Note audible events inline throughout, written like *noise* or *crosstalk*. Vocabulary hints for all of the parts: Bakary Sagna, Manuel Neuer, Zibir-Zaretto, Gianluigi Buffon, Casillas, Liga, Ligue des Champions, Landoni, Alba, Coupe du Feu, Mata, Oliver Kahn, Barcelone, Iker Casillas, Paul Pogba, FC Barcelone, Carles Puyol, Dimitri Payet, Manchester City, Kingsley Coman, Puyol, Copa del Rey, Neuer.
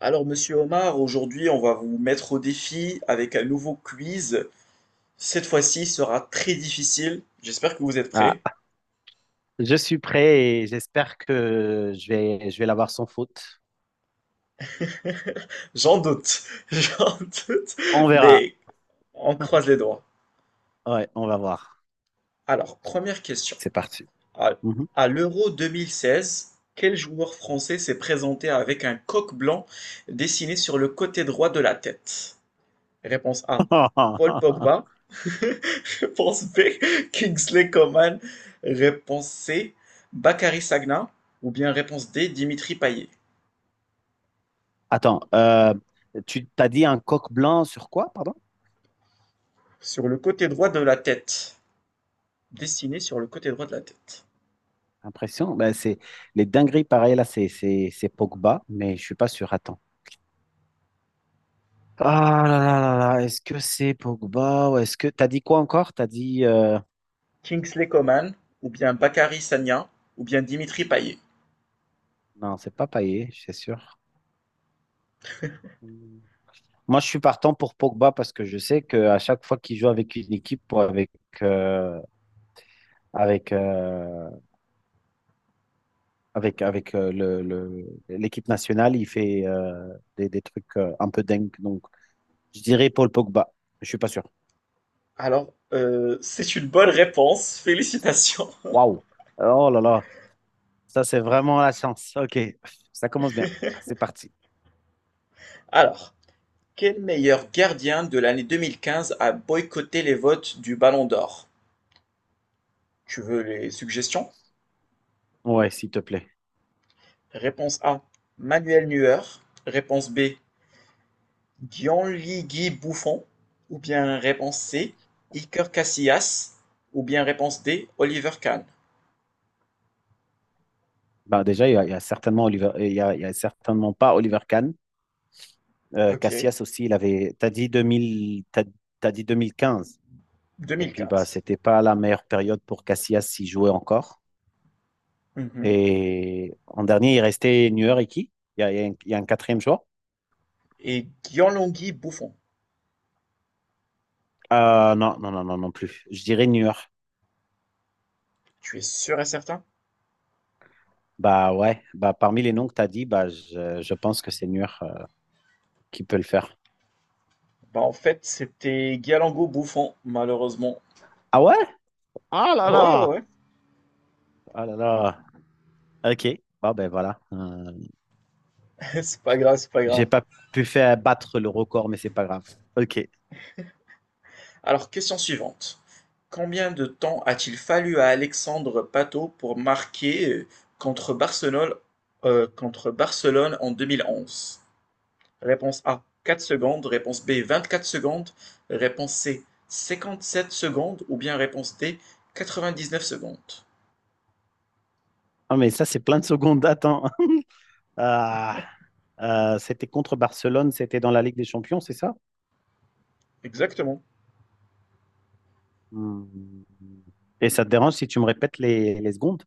Alors, monsieur Omar, aujourd'hui, on va vous mettre au défi avec un nouveau quiz. Cette fois-ci il sera très difficile. J'espère que vous êtes prêts. Ah, je suis prêt et j'espère que je vais l'avoir sans faute. J'en doute, *laughs* j'en doute, On verra. mais on *laughs* croise les doigts. Ouais, on va voir. Alors, première question. C'est parti. À, Mhm. à l'Euro 2016, quel joueur français s'est présenté avec un coq blanc dessiné sur le côté droit de la tête? Réponse A, Paul Pogba. *laughs* *laughs* Réponse B, Kingsley Coman. Réponse C, Bakary Sagna. Ou bien réponse D, Dimitri Payet. Attends, tu t'as dit un coq blanc sur quoi, pardon? Sur le côté droit de la tête. Dessiné sur le côté droit de la tête. Impression. Ben, c'est les dingueries, pareil, là, c'est Pogba, mais je suis pas sûr. Attends. Ah là là là là, est-ce que c'est Pogba ou est-ce que t'as dit quoi encore? T'as dit Kingsley Coman, ou bien Bakary Sagna, ou bien Dimitri Payet. non, c'est pas Payet, c'est sûr. Moi, je suis partant pour Pogba parce que je sais qu'à chaque fois qu'il joue avec une équipe ou euh, avec, euh, avec l'équipe nationale, il fait des trucs un peu dingues. Donc, je dirais Paul Pogba. Je suis pas sûr. Alors, c'est une bonne réponse. Félicitations. Waouh! Oh là là! Ça, c'est vraiment la chance. OK. Ça commence bien. C'est parti. *laughs* Alors, quel meilleur gardien de l'année 2015 a boycotté les votes du Ballon d'Or? Tu veux les suggestions? Ouais, s'il te plaît. Réponse A, Manuel Neuer. Réponse B, Gianluigi Buffon, ou bien réponse C, Iker Casillas, ou bien réponse D, Oliver Kahn. Ben, déjà, il y a certainement Oliver, il y a certainement pas Oliver Kahn. Ok, Cassias aussi, il avait. T'as dit 2015. Et puis, bah, 2015. c'était pas la meilleure période pour Casillas s'y jouait encore. Mhm. Et en dernier, il restait Neuer et qui? Il y a un, il y a un quatrième joueur? Et Gianluigi Buffon, Non, non, non, non, non plus. Je dirais Neuer. tu es sûr et certain? Bah ouais, bah parmi les noms que tu as dit, bah je pense que c'est Neuer, qui peut le faire. Bah en fait, c'était Gianluigi Buffon, malheureusement. Ah ouais? Ah là Ouais, ouais, là! ouais. Ah là là! Ok, bah ben voilà. *laughs* C'est pas grave, c'est pas grave. J'ai pas pu faire battre le record, mais c'est pas grave. Ok. Alors, question suivante. Combien de temps a-t-il fallu à Alexandre Pato pour marquer contre Barcelone, contre Barcelone en 2011? Réponse A, 4 secondes. Réponse B, 24 secondes. Réponse C, 57 secondes. Ou bien réponse D, 99 secondes. Ah mais ça, c'est plein de secondes. Attends. *laughs* Ah, c'était contre Barcelone, c'était dans la Ligue des Champions, c'est ça? Exactement. Hmm. Et ça te dérange si tu me répètes les secondes?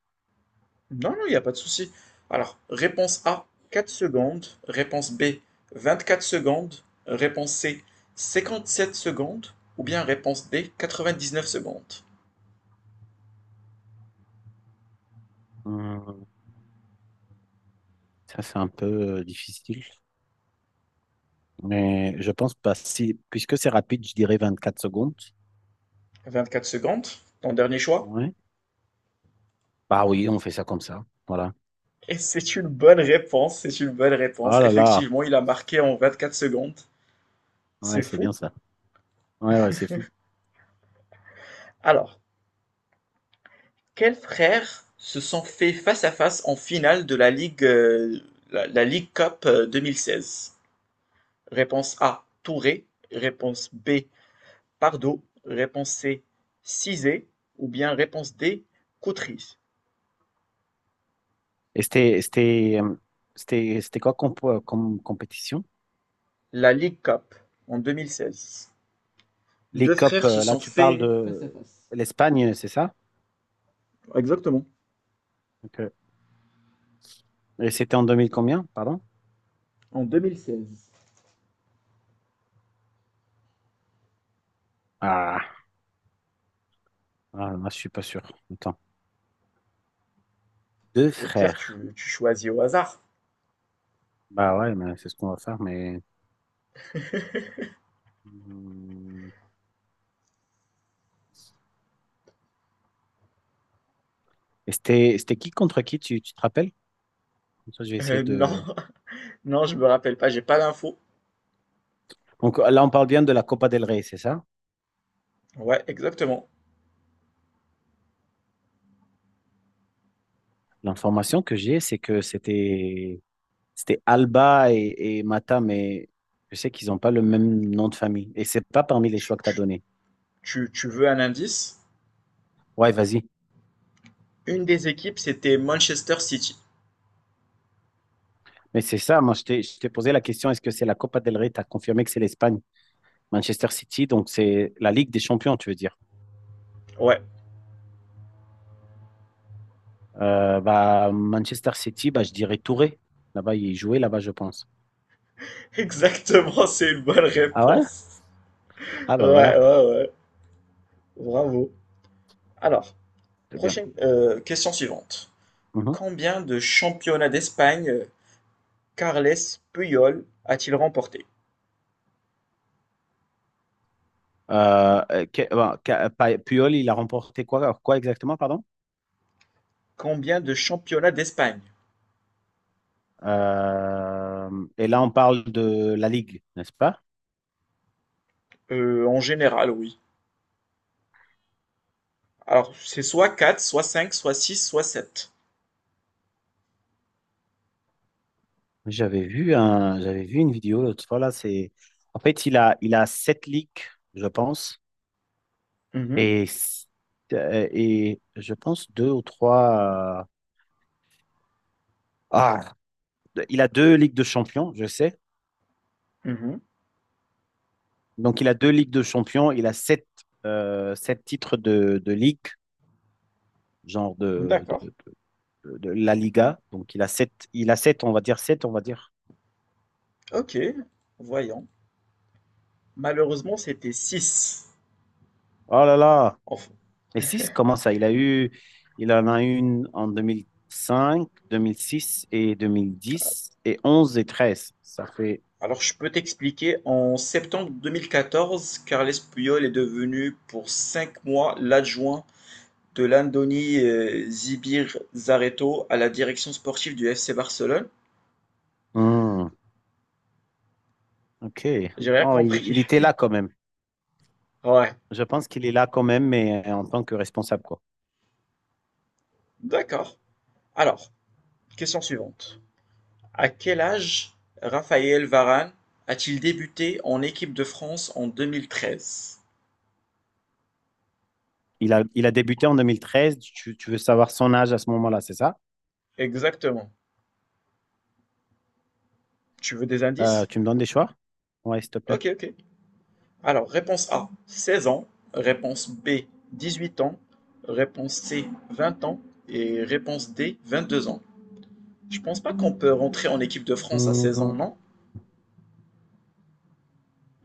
Non, non, il n'y a pas de souci. Alors, réponse A, 4 secondes. Réponse B, 24 secondes. Réponse C, 57 secondes. Ou bien réponse D, 99 secondes. Hmm. Ça, c'est un peu difficile. Mais je pense pas. Si, puisque c'est rapide, je dirais 24 secondes. 24 secondes, ton dernier choix. Ouais. Bah oui, on fait ça comme ça. Voilà. Et c'est une bonne réponse, c'est une bonne réponse. Oh là là. Effectivement, il a marqué en 24 secondes. Ouais, C'est c'est bien fou. ça. Ouais, ouais, c'est fou. Alors, quels frères se sont fait face-à-face en finale de la Ligue Cup 2016? Réponse A, Touré. Réponse B, Pardo. Réponse C, Cizé. Ou bien réponse D, Coutry. Et c'était quoi comme, comme compétition? La Ligue Cup en 2016. Les Deux COP, frères se là, sont tu parles fait face à de face. l'Espagne, c'est ça? Exactement. Ok. Et c'était en 2000 combien, pardon? En 2016. Ah, ah, là, je suis pas sûr. Attends. Deux Au pire, frères. tu choisis au hasard. Bah ouais, mais c'est ce qu'on va faire, mais... Hmm. Et c'était qui contre qui, tu te rappelles? Comme ça, je vais essayer Non, de. *laughs* non, je me rappelle pas, j'ai pas d'infos. Donc là, on parle bien de la Copa del Rey, c'est ça? Ouais, exactement. L'information que j'ai, c'est que c'était Alba et Mata, mais je sais qu'ils n'ont pas le même nom de famille. Et c'est pas parmi les Tu, choix que tu as tu donné. tu veux un indice? Ouais, vas-y. Une des équipes, c'était Manchester City. Mais c'est ça, moi, je t'ai posé la question, est-ce que c'est la Copa del Rey? Tu as confirmé que c'est l'Espagne. Manchester City, donc c'est la Ligue des Champions, tu veux dire. Ouais, Bah, Manchester City, bah, je dirais Touré. Là-bas, il jouait là-bas, je pense. *laughs* exactement, c'est une bonne Ah ouais? réponse. Ah Ouais, bah voilà, ouais, ouais. Bravo. Alors, c'est bien. prochaine question suivante. Mhm. Combien de championnats d'Espagne Carles Puyol a-t-il remporté? Bah, Puyol, il a remporté quoi, quoi exactement, pardon? Combien de championnats d'Espagne? Et là, on parle de la Ligue, n'est-ce pas? En général, oui. Alors, c'est soit 4, soit 5, soit six, soit sept. J'avais vu une vidéo l'autre fois là, c'est en fait il a sept ligues, je pense, Mhm, et s- et je pense deux ou trois. Ah, il a deux ligues de champions, je sais. mhm. Donc il a deux ligues de champions, il a sept titres de ligue, genre de D'accord. de de la Liga. Donc il a sept, on va dire sept, on va dire. Ok, voyons. Malheureusement, c'était 6. Oh là là. Mais 6 comment ça? Il en a eu une en deux mille cinq, 2006 et 2010 et 11 et treize. Ça fait. Alors, je peux t'expliquer. En septembre 2014, Carles Puyol est devenu pour 5 mois l'adjoint de Landoni Zibir-Zaretto à la direction sportive du FC Barcelone. Hmm, ok. J'ai rien Oh, il, compris. il était *laughs* là quand même. Ouais, Je pense qu'il est là quand même, mais en tant que responsable, quoi. d'accord. Alors, question suivante. À quel âge Raphaël Varane a-t-il débuté en équipe de France en 2013? Il a débuté en 2013. Tu veux savoir son âge à ce moment-là, c'est ça? Exactement. Tu veux des indices? Tu me donnes des choix? Ouais, s'il te plaît. Ok, ok. Alors, réponse A, 16 ans. Réponse B, 18 ans. Réponse C, 20 ans. Et réponse D, 22 ans. Je pense pas qu'on peut rentrer en équipe de France à 16 ans, Hmm. non?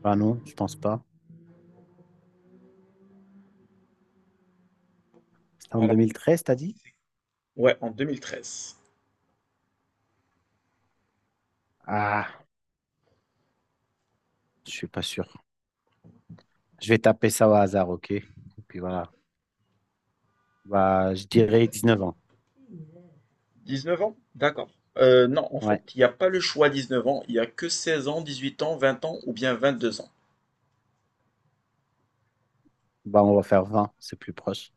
Bah non, je pense pas. C'était en deux Alors, mille treize t'as dit? ouais, en 2013. Ah, je suis pas sûr. Je vais taper ça au hasard, ok? Et puis voilà. Bah, je dirais 19 ans. 19 ans? D'accord. Non, en fait, Ouais. il n'y a pas le choix 19 ans. Il n'y a que 16 ans, 18 ans, 20 ans ou bien 22 ans. Bah, on va faire 20, c'est plus proche.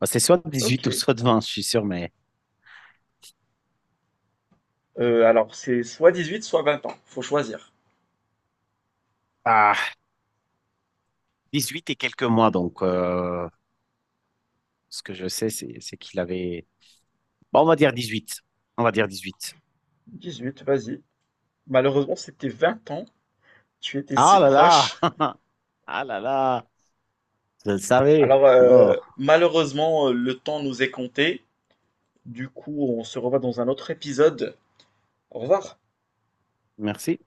Bah, c'est soit Ok. 18 ou soit 20, je suis sûr, mais Alors, c'est soit 18 soit 20 ans. Faut choisir. ah, 18 et quelques mois. Donc, ce que je sais, c'est qu'il avait. Bah, on va dire 18. On va dire dix-huit. Dix-huit, vas-y. Malheureusement, c'était 20 ans. Tu étais Ah si là là! proche. Ah là là! Je le savais. Alors, Oh, malheureusement, le temps nous est compté. Du coup, on se revoit dans un autre épisode. Au revoir. merci.